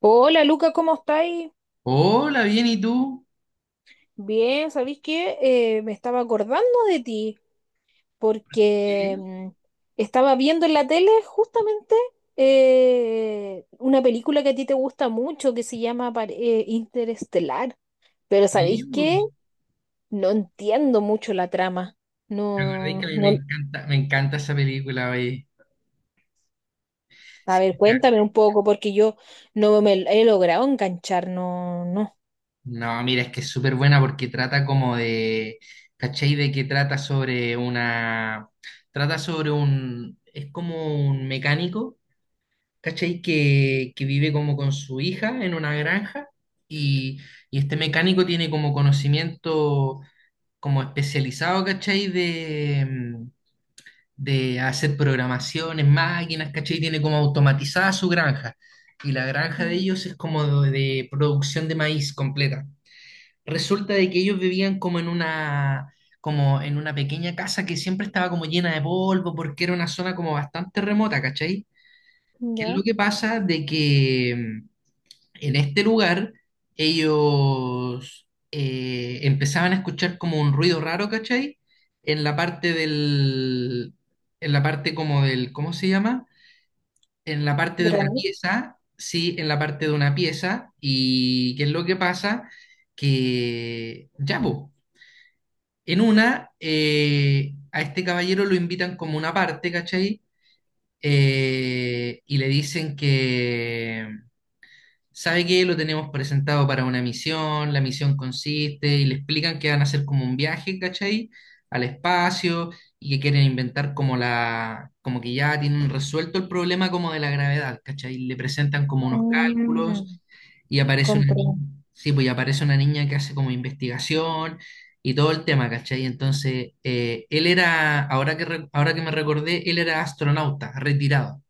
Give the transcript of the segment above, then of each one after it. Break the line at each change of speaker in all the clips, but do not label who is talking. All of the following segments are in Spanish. Hola Luca, ¿cómo estáis?
Hola, bien, ¿y tú?
Bien, ¿sabéis qué? Me estaba acordando de ti porque
Sí,
mm, estaba viendo en la tele justamente una película que a ti te gusta mucho que se llama Interestelar, pero
sí,
¿sabéis
bu.
qué? No entiendo mucho la trama.
¿Te acordáis que a
No,
mí
no,
me encanta esa película, oye?
a
Sí,
ver, cuéntame un poco porque yo no me he logrado enganchar, no, no.
no, mira, es que es súper buena porque trata como de, ¿cachai? De que trata sobre una, trata sobre un, es como un mecánico, ¿cachai? Que vive como con su hija en una granja y, y este mecánico tiene como conocimiento como especializado, ¿cachai? De hacer programaciones, máquinas, ¿cachai? Tiene como automatizada su granja. Y la granja de
Mm.
ellos es como de, producción de maíz completa. Resulta de que ellos vivían como en una pequeña casa que siempre estaba como llena de polvo porque era una zona como bastante remota, ¿cachai? ¿Qué es
Ya,
lo que pasa? De que en este lugar, ellos empezaban a escuchar como un ruido raro, ¿cachai? En la parte del, en la parte como del, ¿cómo se llama? En la parte de una
granito.
pieza, sí, en la parte de una pieza. ¿Y qué es lo que pasa? Que, ya, po, a este caballero lo invitan como una parte, ¿cachai? Y le dicen que ¿sabe qué? Lo tenemos presentado para una misión, la misión consiste y le explican que van a hacer como un viaje, ¿cachai? Al espacio y que quieren inventar como que ya tienen resuelto el problema como de la gravedad, ¿cachai? Le presentan como unos
Mm,
cálculos y aparece una niña,
comprendo.
sí, pues y aparece una niña que hace como investigación y todo el tema, ¿cachai? Entonces, él era, ahora que me recordé, él era astronauta, retirado.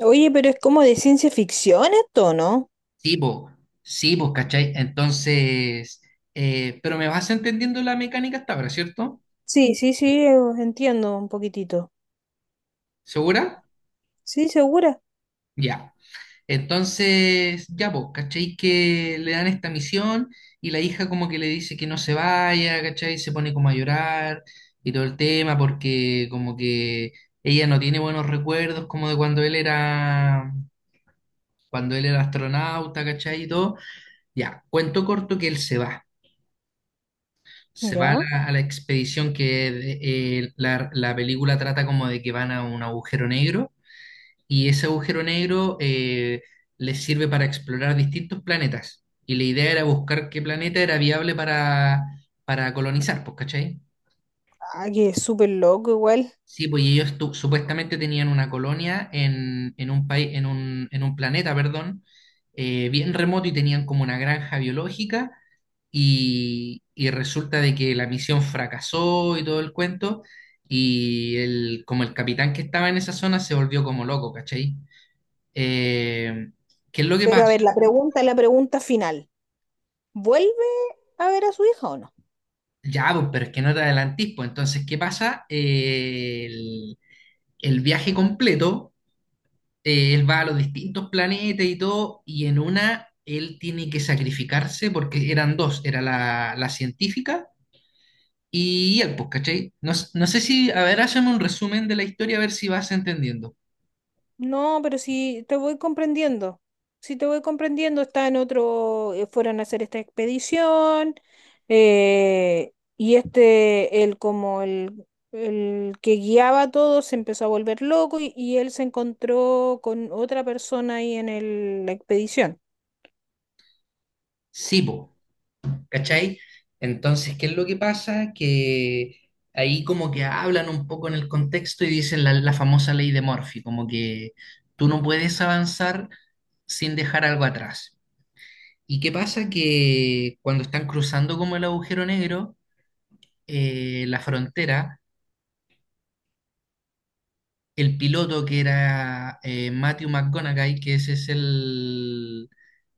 Oye, pero es como de ciencia ficción esto, ¿no?
Sí, vos, sí, vos, ¿cachai? Entonces, pero me vas entendiendo la mecánica hasta ahora, ¿cierto?
Sí, sí, sí, entiendo un poquitito.
¿Segura?
Sí, segura.
Ya. Entonces, ya vos, ¿cachai? Que le dan esta misión y la hija como que le dice que no se vaya, ¿cachai? Se pone como a llorar y todo el tema porque como que ella no tiene buenos recuerdos como de cuando él era astronauta, ¿cachai? Y todo. Ya, cuento corto que él se va. Se va a
¿Ya?
la, a la expedición. La película trata como de que van a un agujero negro y ese agujero negro les sirve para explorar distintos planetas. Y la idea era buscar qué planeta era viable para, colonizar, pues, ¿cachai?
Ah, que es súper loco igual.
Sí, pues y ellos supuestamente tenían una colonia en un país, en un planeta, perdón, bien remoto y tenían como una granja biológica y resulta de que la misión fracasó y todo el cuento, y como el capitán que estaba en esa zona se volvió como loco, ¿cachai? Eh, ¿Qué es lo que
Pero a
pasa?
ver, la pregunta final. ¿Vuelve a ver a su hija o no?
Ya, pues, pero es que no te adelantís, pues entonces, ¿qué pasa? El viaje completo, él va a los distintos planetas y todo, y en una... Él tiene que sacrificarse porque eran dos, era la científica. Y él, pues, ¿cachai? No, no sé si, a ver, hazme un resumen de la historia, a ver si vas entendiendo.
No, pero si te voy comprendiendo, si te voy comprendiendo, está en fueron a hacer esta expedición, y el que guiaba a todos se empezó a volver loco y él se encontró con otra persona ahí en la expedición.
Sí, po, ¿cachai? Entonces, ¿qué es lo que pasa? Que ahí como que hablan un poco en el contexto y dicen la famosa ley de Murphy, como que tú no puedes avanzar sin dejar algo atrás. ¿Y qué pasa? Que cuando están cruzando como el agujero negro, la frontera, el piloto que era Matthew McConaughey, que ese es el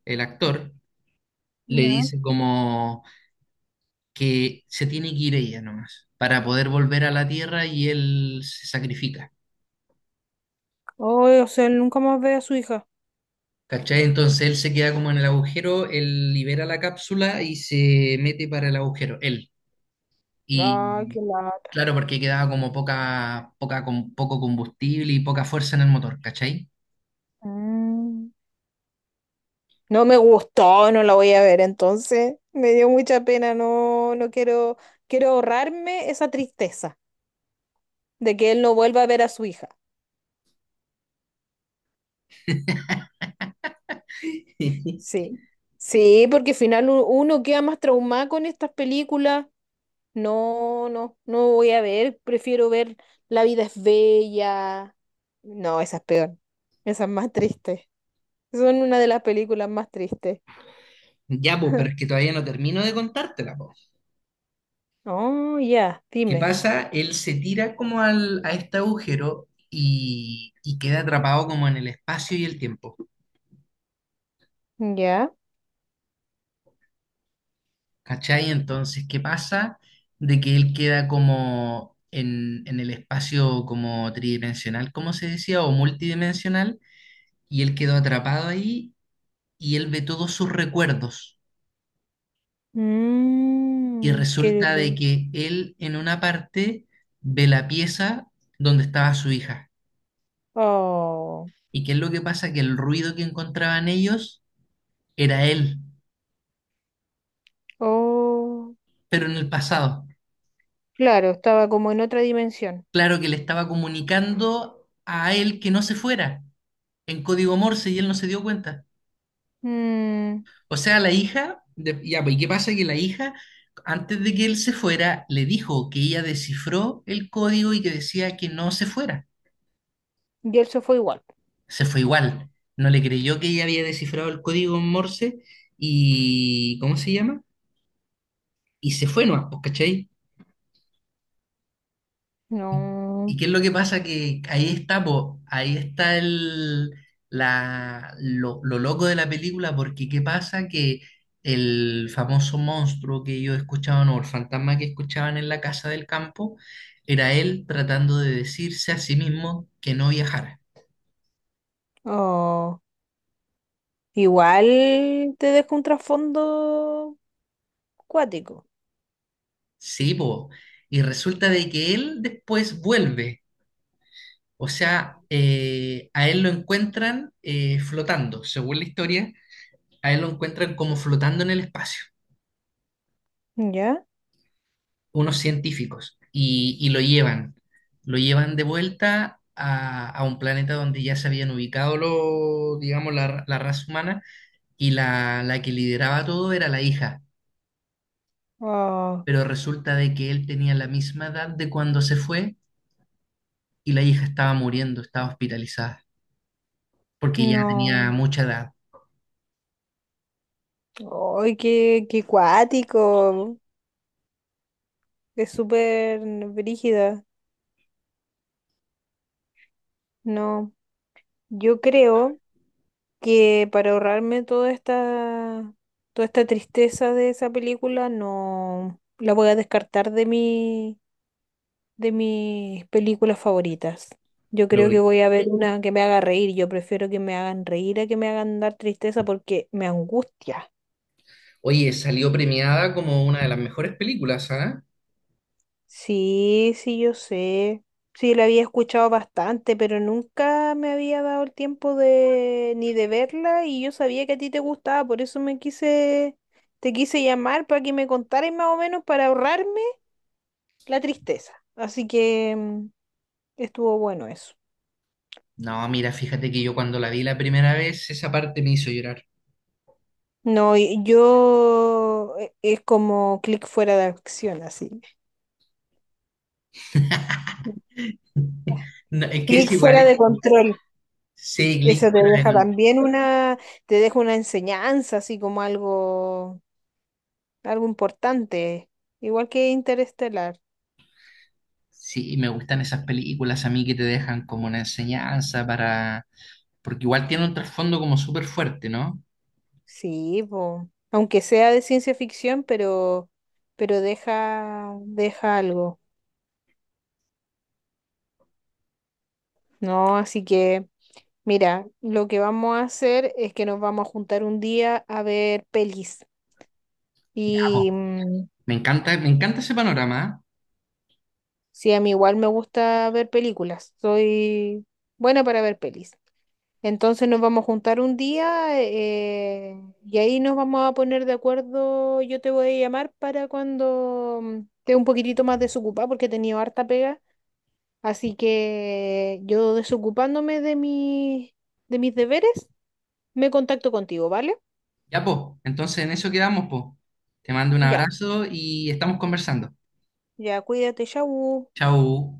el actor, le
Ya.
dice como que se tiene que ir ella nomás para poder volver a la Tierra y él se sacrifica.
Ay, o sea, él nunca más ve a su hija.
¿Cachai? Entonces él se queda como en el agujero, él libera la cápsula y se mete para el agujero, él.
Ay,
Y
qué lata.
claro, porque quedaba como con poco combustible y poca fuerza en el motor, ¿cachai?
Mm. No me gustó, no la voy a ver entonces. Me dio mucha pena, no, no quiero, quiero ahorrarme esa tristeza de que él no vuelva a ver a su hija. Sí. Sí, porque al final uno queda más traumado con estas películas. No, no, no voy a ver, prefiero ver La vida es bella. No, esa es peor. Esa es más triste. Son una de las películas más tristes.
Ya, pues, pero es que todavía no termino de contártela, po.
Oh, ya,
¿Qué
dime.
pasa? Él se tira como a este agujero y queda atrapado como en el espacio y el tiempo.
Ya.
¿Cachai? Entonces, ¿qué pasa? De que él queda como en el espacio como tridimensional, como se decía, o multidimensional, y él quedó atrapado ahí y él ve todos sus recuerdos. Y
Mmm,
resulta de que él en una parte ve la pieza donde estaba su hija.
oh.
¿Y qué es lo que pasa? Que el ruido que encontraban ellos era él.
Oh,
Pero en el pasado.
claro, estaba como en otra dimensión.
Claro que le estaba comunicando a él que no se fuera en código Morse y él no se dio cuenta.
Mm,
O sea, la hija, ya, pues, ¿y qué pasa? Que la hija, antes de que él se fuera, le dijo que ella descifró el código y que decía que no se fuera.
y el fue igual.
Se fue igual. No le creyó que ella había descifrado el código Morse y, ¿cómo se llama? Y se fue nomás, pues, ¿cachai? ¿Y y
No,
qué es lo que pasa? Que ahí está, po, ahí está lo loco de la película, porque ¿qué pasa? Que el famoso monstruo que ellos escuchaban o el fantasma que escuchaban en la casa del campo era él tratando de decirse a sí mismo que no viajara.
oh, igual te dejo un trasfondo cuático.
Sí, po. Y resulta de que él después vuelve, o sea, a él lo encuentran flotando, según la historia, a él lo encuentran como flotando en el espacio.
¿Ya?
Unos científicos y lo llevan de vuelta a un planeta donde ya se habían ubicado los, digamos, la raza humana y la que lideraba todo era la hija,
Oh,
pero resulta de que él tenía la misma edad de cuando se fue y la hija estaba muriendo, estaba hospitalizada, porque ya
no.
tenía mucha edad.
Ay, qué, qué cuático. Es súper brígida. No, yo creo que para ahorrarme toda esta tristeza de esa película, no la voy a descartar de mi, de mis películas favoritas. Yo
Lo-
creo que voy a ver una que me haga reír. Yo prefiero que me hagan reír a que me hagan dar tristeza porque me angustia.
Oye, salió premiada como una de las mejores películas, ¿ah?
Sí, sí, yo sé. Sí, la había escuchado bastante, pero nunca me había dado el tiempo de ni de verla y yo sabía que a ti te gustaba, por eso me quise, te quise llamar para que me contaras más o menos para ahorrarme la tristeza. Así que estuvo bueno eso.
No, mira, fíjate que yo cuando la vi la primera vez, esa parte me hizo llorar.
No, y yo es como clic fuera de acción, así.
No, es que
Clic
es igual,
fuera
eh.
de control.
Sí, Click,
Eso te deja
bueno,
también una, te deja una enseñanza, así como algo algo importante, igual que Interestelar.
sí, me gustan esas películas a mí que te dejan como una enseñanza porque igual tiene un trasfondo como súper fuerte, ¿no?
Sí, po. Aunque sea de ciencia ficción, pero deja, deja algo, ¿no? Así que, mira, lo que vamos a hacer es que nos vamos a juntar un día a ver pelis.
Ya, po.
Y mm,
Me encanta ese panorama,
sí, a mí igual me gusta ver películas. Soy buena para ver pelis. Entonces nos vamos a juntar un día y ahí nos vamos a poner de acuerdo. Yo te voy a llamar para cuando esté un poquitito más desocupada porque he tenido harta pega. Así que yo desocupándome de mi, de mis deberes, me contacto contigo, ¿vale?
¿eh? Ya, po, entonces en eso quedamos, po. Te mando un
Ya,
abrazo y estamos conversando.
ya, cuídate, chau.
Chau.